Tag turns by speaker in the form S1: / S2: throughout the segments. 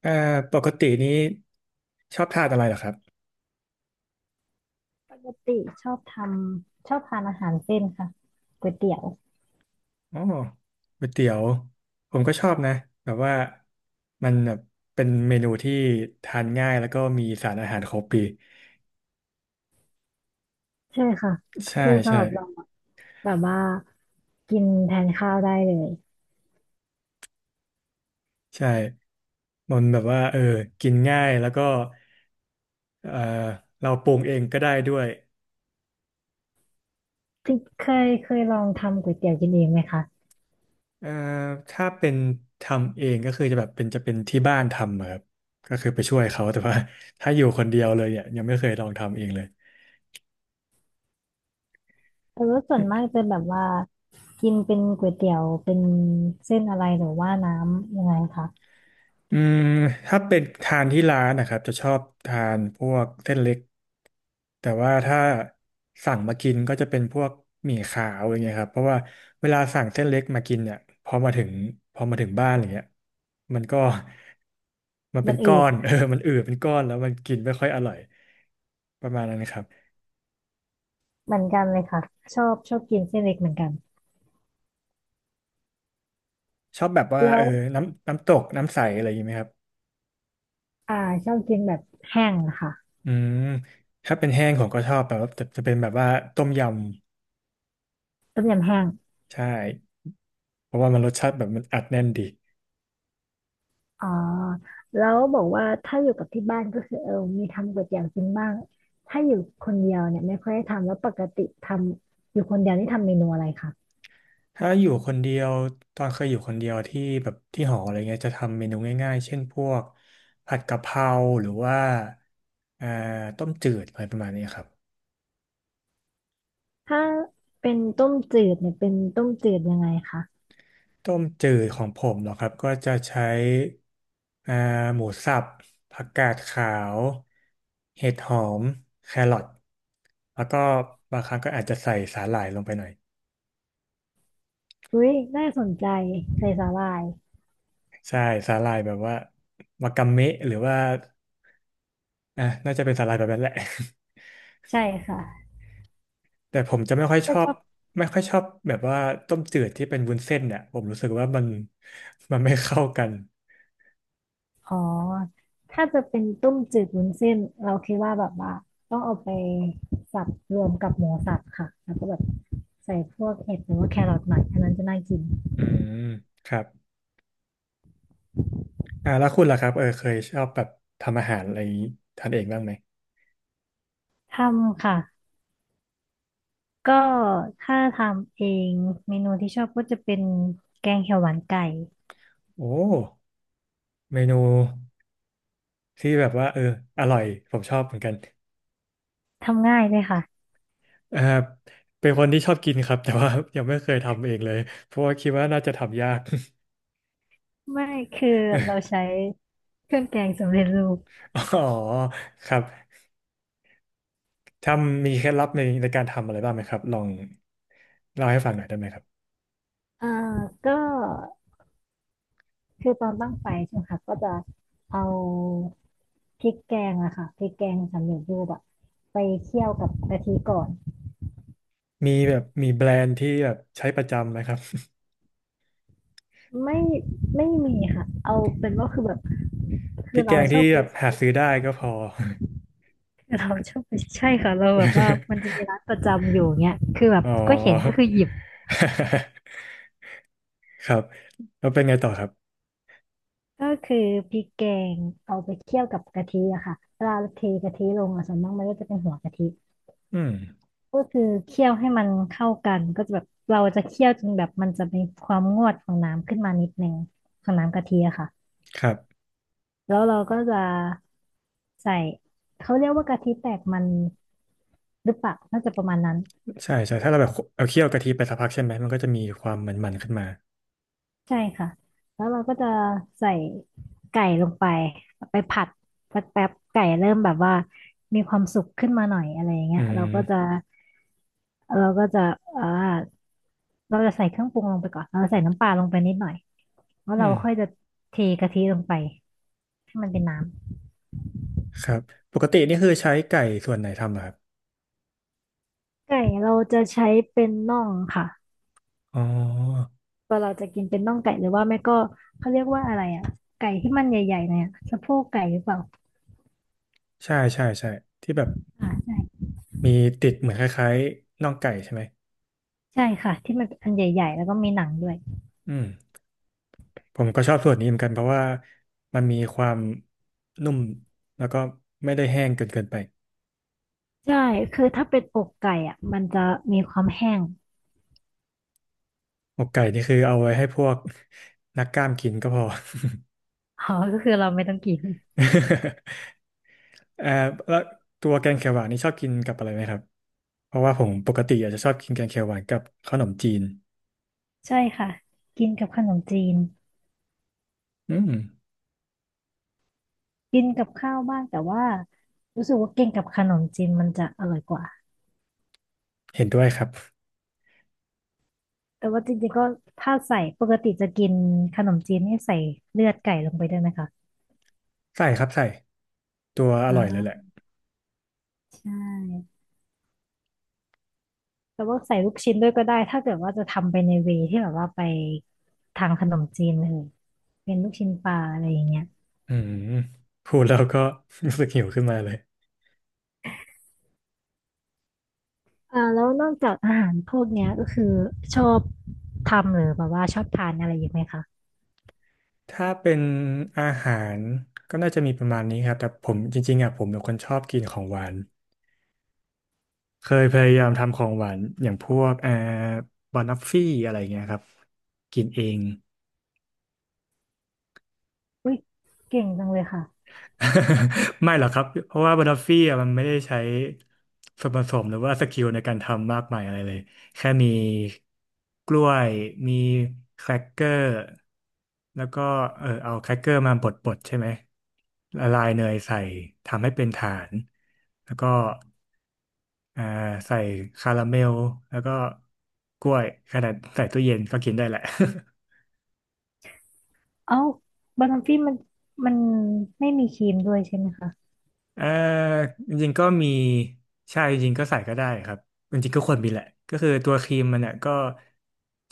S1: เอ่อปกตินี้ชอบทานอะไรเหรอครับ
S2: ปกติชอบทำชอบทานอาหารเส้นค่ะก๋วยเตี๋ยว
S1: อ๋อก๋วยเตี๋ยวผมก็ชอบนะแบบว่ามันแบบเป็นเมนูที่ทานง่ายแล้วก็มีสารอาหารครบปี
S2: ใช่ค่ะ
S1: ใช่
S2: คือสำ
S1: ใช่
S2: หรับเราอะแบบว่ากินแทนข้าวได้เลย
S1: ใช่มันแบบว่ากินง่ายแล้วก็เออเราปรุงเองก็ได้ด้วย
S2: ที่เคยลองทำก๋วยเตี๋ยวกินเองไหมคะ
S1: เอ่อถ้าเป็นทำเองก็คือจะแบบเป็นจะเป็นที่บ้านทำอะครับก็คือไปช่วยเขาแต่ว่าถ้าอยู่คนเดียวเลยเนี่ยยังไม่เคยลองทำเองเลย
S2: แต่ว่าส่วนมากจะแบบว่ากินเป็นก๋วยเตี๋ยวเป็นเส้นอะไรหรือว่าน้ำยังไงคะ
S1: อืมถ้าเป็นทานที่ร้านนะครับจะชอบทานพวกเส้นเล็กแต่ว่าถ้าสั่งมากินก็จะเป็นพวกหมี่ขาวอย่างเงี้ยครับเพราะว่าเวลาสั่งเส้นเล็กมากินเนี่ยพอมาถึงพอมาถึงบ้านอย่างเงี้ยมันก็มันเป็
S2: มั
S1: น
S2: น
S1: ก้
S2: อื
S1: อ
S2: ด
S1: น เออมันอืดเป็นก้อนแล้วมันกินไม่ค่อยอร่อยประมาณนั้นครับ
S2: เหมือนกันเลยค่ะชอบกินเส้นเล็กเหมือนกัน
S1: ชอบแบบว่า
S2: แล้
S1: เอ
S2: ว
S1: อน้ำน้ำตกน้ำใสอะไรอย่างงี้ไหมครับ
S2: อ่าชอบกินแบบแห้งอะค่ะ
S1: อืมถ้าเป็นแห้งผมก็ชอบแบบว่าจะเป็นแบบว่าต้มยำ
S2: ต้มยำแห้ง
S1: ใช่ เพราะว่ามันรสชาติแบบมันอัดแน่นดี
S2: อ๋อแล้วบอกว่าถ้าอยู่กับที่บ้านก็คือเออมีทำก๋วยเตี๋ยวกินบ้างถ้าอยู่คนเดียวเนี่ยไม่ค่อยได้ทำแล้วปกติทำอยู่คนเดียวนี่ทำเมนูอะไรคะ
S1: ถ้าอยู่คนเดียวตอนเคยอยู่คนเดียวที่แบบที่หออะไรเงี้ยจะทำเมนูง่ายๆเช่นพวกผัดกะเพราหรือว่าอ่าต้มจืดอะไรประมาณนี้ครับ
S2: ถ้าเป็นต้มจืดเนี่ยเป็นต้มจืดยังไงคะ
S1: ต้มจืดของผมเหรอครับก็จะใช้อ่าหมูสับผักกาดขาวเห็ดหอมแครอทแล้วก็บางครั้งก็อาจจะใส่สาหร่ายลงไปหน่อย
S2: อุ้ยน่าสนใจใส่สาหร่าย
S1: ใช่สาหร่ายแบบว่าวากาเมะหรือว่าอ่ะน่าจะเป็นสาหร่ายแบบนั้นแหละ
S2: ใช่ค่ะ
S1: แต่ผมจะไม่ค่อยช
S2: ก็
S1: อ
S2: ช
S1: บ
S2: อบ
S1: แบบว่าต้มจืดที่เป็นวุ้นเส้นเนี่ยผมรู้สึกว่ามันไม่เข้ากัน
S2: อ๋อถ้าจะเป็นต้มจืดวุ้นเส้นเราคิดว่าแบบว่าต้องเอาไปสับรวมกับหมูสับค่ะแล้วก็แบบใส่พวกเห็ดหรือว่าแครอทหน่อยอันนั้นจะน่ากิน
S1: อืมครับอ่าแล้วคุณล่ะครับเออเคยชอบแบบทำอาหารอะไรอย่างนี้ทานเองบ้างไหม
S2: ทำค่ะ ก็ถ้าทำเองเมนูที่ชอบก็จะเป็นแกงเขียวหวานไก่
S1: โอ้เมนูที่แบบว่าเอออร่อยผมชอบเหมือนกัน
S2: ทำง่ายเลยค่ะ
S1: เออเป็นคนที่ชอบกินครับแต่ว่ายังไม่เคยทำเองเลยเพราะว่าคิดว่าน่าจะทำยาก
S2: ไม่คือเราใช้เครื่องแกงสำเร็จรูป
S1: อ๋อครับทำมีเคล็ดลับในการทำอะไรบ้างไหมครับลองเล่าให้ฟังหน่อยได้ไหมครับ
S2: อ่าก็คือตอนตั้งไฟใช่ไหมคะก็จะเอาพริกแกงอะค่ะพริกแกงสำเร็จรูปอะไปเคี่ยวกับกะทิก่อน
S1: มีแบบมีแบรนด์ที่แบบใช้ประจำไหมครับ
S2: ไม่มีค่ะเอาเป็นว่าคือแบบ
S1: พ
S2: คื
S1: ริ
S2: อ
S1: กแก
S2: เรา
S1: ง
S2: ชอ
S1: ที่
S2: บไป
S1: แบบหาซื้อได้ก็พอ
S2: คือเราชอบไปใช่ค่ะเราแบบว่ามันจะมี ร้านประจำอยู่เนี้ยคือแบบ
S1: อ๋อ
S2: ก็ เห็นก็คือหยิบ
S1: ครับแล้วเป็นไงต่อครับ
S2: ก็คือพริกแกงเอาไปเคี่ยวกับกะทิอะค่ะเวลาเทกะทิลงอะส่วนมากมันก็จะเป็นหัวกะทิ
S1: อืม
S2: ก็คือเคี่ยวให้มันเข้ากันก็จะแบบเราจะเคี่ยวจนแบบมันจะมีความงวดของน้ำขึ้นมานิดนึงของน้ำกะทิอะค่ะ
S1: ครับ
S2: แล้วเราก็จะใส่เขาเรียกว่ากะทิแตกมันหรือเปล่าน่าจะประมาณนั้น
S1: ใช่ใช่ถ้าเราแบบเอาเคี่ยวกะทิไปสักพักใช่ไหมมันก็จะมีความมันๆขึ้นมา
S2: ใช่ค่ะ แล้วเราก็จะใส่ไก่ลงไป ไปผัดสักแป๊บไก่เริ่มแบบว่ามีความสุกขึ้นมาหน่อยอะไรอย่างเงี้
S1: อื
S2: ยเราก็จะ
S1: ม
S2: เราก็จะเอ่าเราจะใส่เครื่องปรุงลงไปก่อนเราใส่น้ำปลาลงไปนิดหน่อยแล้ว
S1: อื
S2: เรา
S1: ม
S2: ค่อยจะเทกะทิลงไปให้มันเป็นน้
S1: ครับปกตินี่คือใช้ไก่ส่วนไหนทำอะครับ
S2: ำไก่เราจะใช้เป็นน่องค่ะ
S1: อ๋อ
S2: ตัเราจะกินเป็นน่องไก่หรือว่าไม่ก็เขาเรียกว่าอะไรอ่ะไก่ที่มันใหญ่ๆเนี่อยอะสะโพกไก่หรือเปล่า
S1: ใช่ใช่ใช่ที่แบบ
S2: อ่าใช่
S1: มีติดเหมือนคล้ายๆน่องไก่ใช่ไหม
S2: ใช่ค่ะที่มันอันใหญ่ๆแล้วก็มีหนังด้วย
S1: อืม ผมก็ชอบส่วนนี้เหมือนกันเพราะว่ามันมีความนุ่มแล้วก็ไม่ได้แห้งเกินไป
S2: ใช่คือถ้าเป็นอกไก่อ่ะมันจะมีความแห้ง
S1: อกไก่นี่คือเอาไว้ให้พวก นักกล้ามกินก็พอ
S2: อ๋อก็คือเราไม่ต้องกิน
S1: เอ่อแล้วตัวแกงเขียวหวานนี่ชอบกินกับอะไรไหมครับเพราะว่าผมปกติอาจจะชอบกินแกงเขียวหวานกับขนมจีน
S2: ใช่ค่ะ กินกับขนมจีน
S1: อืม
S2: กินกับข้าวบ้างแต่ว่ารู้สึกว่ากินกับขนมจีนมันจะอร่อยกว่า
S1: เห็นด้วยครับ
S2: แต่ว่าจริงๆก็ถ้าใส่ปกติจะกินขนมจีนนี่ใส่เลือดไก่ลงไปด้วยไหมคะ
S1: ใส่ครับใส่ตัวอ
S2: อ
S1: ร่อยเลยแหละ
S2: ่าใช่ แต่ว่าใส่ลูกชิ้นด้วยก็ได้ ถ้าเกิดว่าจะทำไปในเวที่แบบว่าไปทางขนมจีนเลยเป็นลูกชิ้นปลาอะไรอย่างเงี้ย
S1: อืมพูดแล้วก็ รู้สึกหิวขึ้นมาเลย
S2: แล้วนอกจากอาหารพวกเนี้ยก็คือชอบทำหรือแบบว่าชอบทานอะไรอีงไหมคะ
S1: ถ้าเป็นอาหารก็น่าจะมีประมาณนี้ครับแต่ผมจริงๆอ่ะผมเป็นคนชอบกินของหวานเคยพยายามทำของหวานอย่างพวกบานฟฟี่อะไรเงี้ยครับกินเอง
S2: อุ้ยเก่งจังเลยค่ะ
S1: ไม่หรอกครับ เพราะว่าบัตเตอร์ฟี่อะมันไม่ได้ใช้ส่วนผสมหรือว่าสกิลในการทำมากมายอะไรเลย แค่มีกล้วย มีแครกเกอร์แล้วก็เออเอาแครกเกอร์มาบดๆใช่ไหมละลายเนยใส่ทำให้เป็นฐาน แล้วก็อ่าใส่คาราเมลแล้วก็กล้วยขนาดใส่ตู้เย็นก็กินได้แหละ
S2: เอ้าบาร์ฟี่มันไม่มีครีมด้วยใช่ไหมคะ
S1: เอ่อจริงๆก็มีใช่จริงๆก็ใส่ก็ได้ครับจริงๆก็ควรมีแหละก็คือตัวครีมมันเนี่ยก็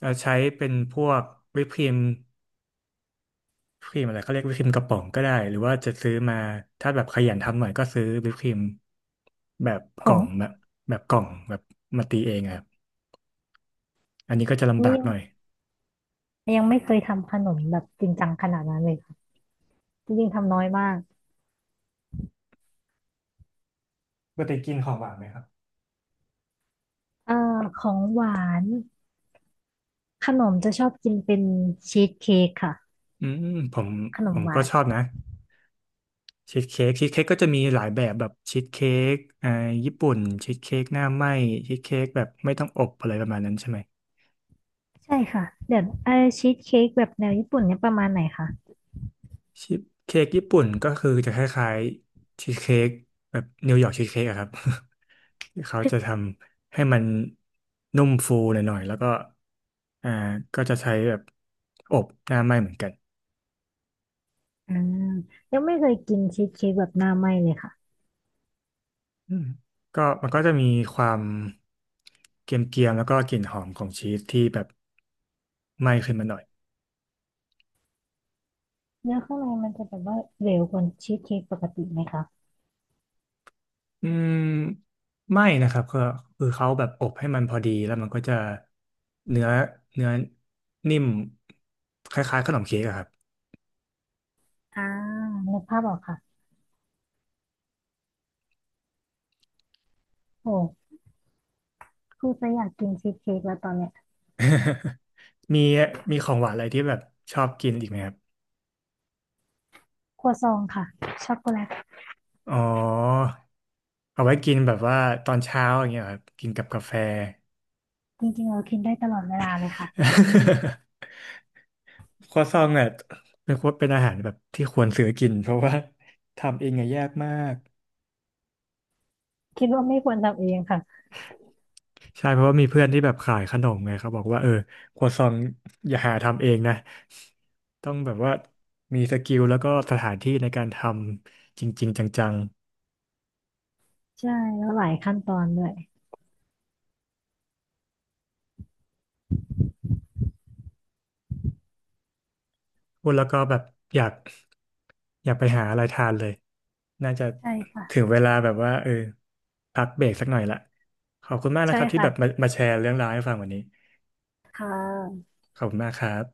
S1: จะใช้เป็นพวกวิปครีมครีมอะไรเขาเรียกวิปครีมกระป๋องก็ได้หรือว่าจะซื้อมาถ้าแบบขยันทำหน่อยก็ซื้อวิปครีมแบบ
S2: ผ
S1: กล่อ
S2: ง
S1: งแบบแบบกล่องแบบมาตีเองอะครับอันนี้ก็จะลำ
S2: นี่
S1: บาก
S2: ยั
S1: ห
S2: ง
S1: น่อย
S2: ยังไม่เคยทำขนมแบบจริงจังขนาดนั้นเลยค่ะจริงๆทำน้อยมาก
S1: ปกติกินของหวานไหมครับ
S2: เอ่อของหวานขนมจะชอบกินเป็นชีสเค้กค่ะ
S1: อืมผม
S2: ขน
S1: ผ
S2: ม
S1: ม
S2: ห
S1: ก็
S2: วาน
S1: ชอบนะ ชีสเค้กชีสเค้กก็จะมีหลายแบบแบบชีสเค้กอ่าญี่ปุ่นชีสเค้กหน้าไหม้ชีสเค้กแบบไม่ต้องอบอะไรประมาณนั้นใช่ไหม
S2: ใช่ค่ะเดี๋ยวชีสเค้กแบบแนวญี่ปุ่นเนี่ยประมาณไหนคะ
S1: ชีสเค้กญี่ปุ่นก็คือจะคล้ายๆชีสเค้กแบบนิวยอร์กชีสเค้กอะครับ ที่เขาจะทำให้มันนุ่มฟูหน่อยๆแล้วก็อ่าก็จะใช้แบบอบหน้าไหม้เหมือนกัน
S2: อ่ายังไม่เคยกินชีสเค้กแบบหน้าไหม้เลยค่ะ
S1: อืมก็มันก็จะมีความเกรียมๆแล้วก็กลิ่นหอมของชีสที่แบบไหม้ขึ้นมาหน่อย
S2: เนื้อข้างในมันจะแบบว่าเหลวกว่าชีสเค้กปกติไหมคะ
S1: อืมไม่นะครับก็คือเขาแบบอบให้มันพอดีแล้วมันก็จะเนื้อเนื้อนิ่มคล้ายๆขนมเค้กอะครับ
S2: อ่านึกภาพออกค่ะโอ้คูอจะอยากกินชีสเค้กแล้วตอนเนี้ย
S1: มีมีของหวานอะไรที่แบบชอบกินอีกไหมครับ
S2: ครัวซองค่ะช็อกโกแลต
S1: อ๋อเอาไว้กินแบบว่าตอนเช้าอย่างเงี้ยครับกินกับกาแฟ
S2: จริงๆเรากินได้ตลอดเวลาเลยค่ะ
S1: ครัวซองเนี่ยเป็นอาหารแบบที่ควรซื้อกินเพราะว่าทำเองอะยากมาก
S2: คิดว่าไม่ควรทำเองค่ะ
S1: ใช่เพราะว่ามีเพื่อนที่แบบขายขนมไงเขาบอกว่าเออครัวซองอย่าหาทำเองนะต้องแบบว่ามีสกิลแล้วก็สถานที่ในการทำจริงๆจัง
S2: ใช่แล้วหลายขั้นตอนด้วย
S1: ๆพูดแล้วก็แบบอยากอยากไปหาอะไรทานเลยน่าจะ
S2: ใช่ค่ะ
S1: ถึงเวลาแบบว่าเออพักเบรกสักหน่อยละขอบคุณมากนะ
S2: ใช่
S1: ครับที่แบบมา
S2: ค่ะ
S1: มาแชร์เรื่องราวให้ฟังวันนี้
S2: ค่ะ
S1: ขอบคุณมากครับ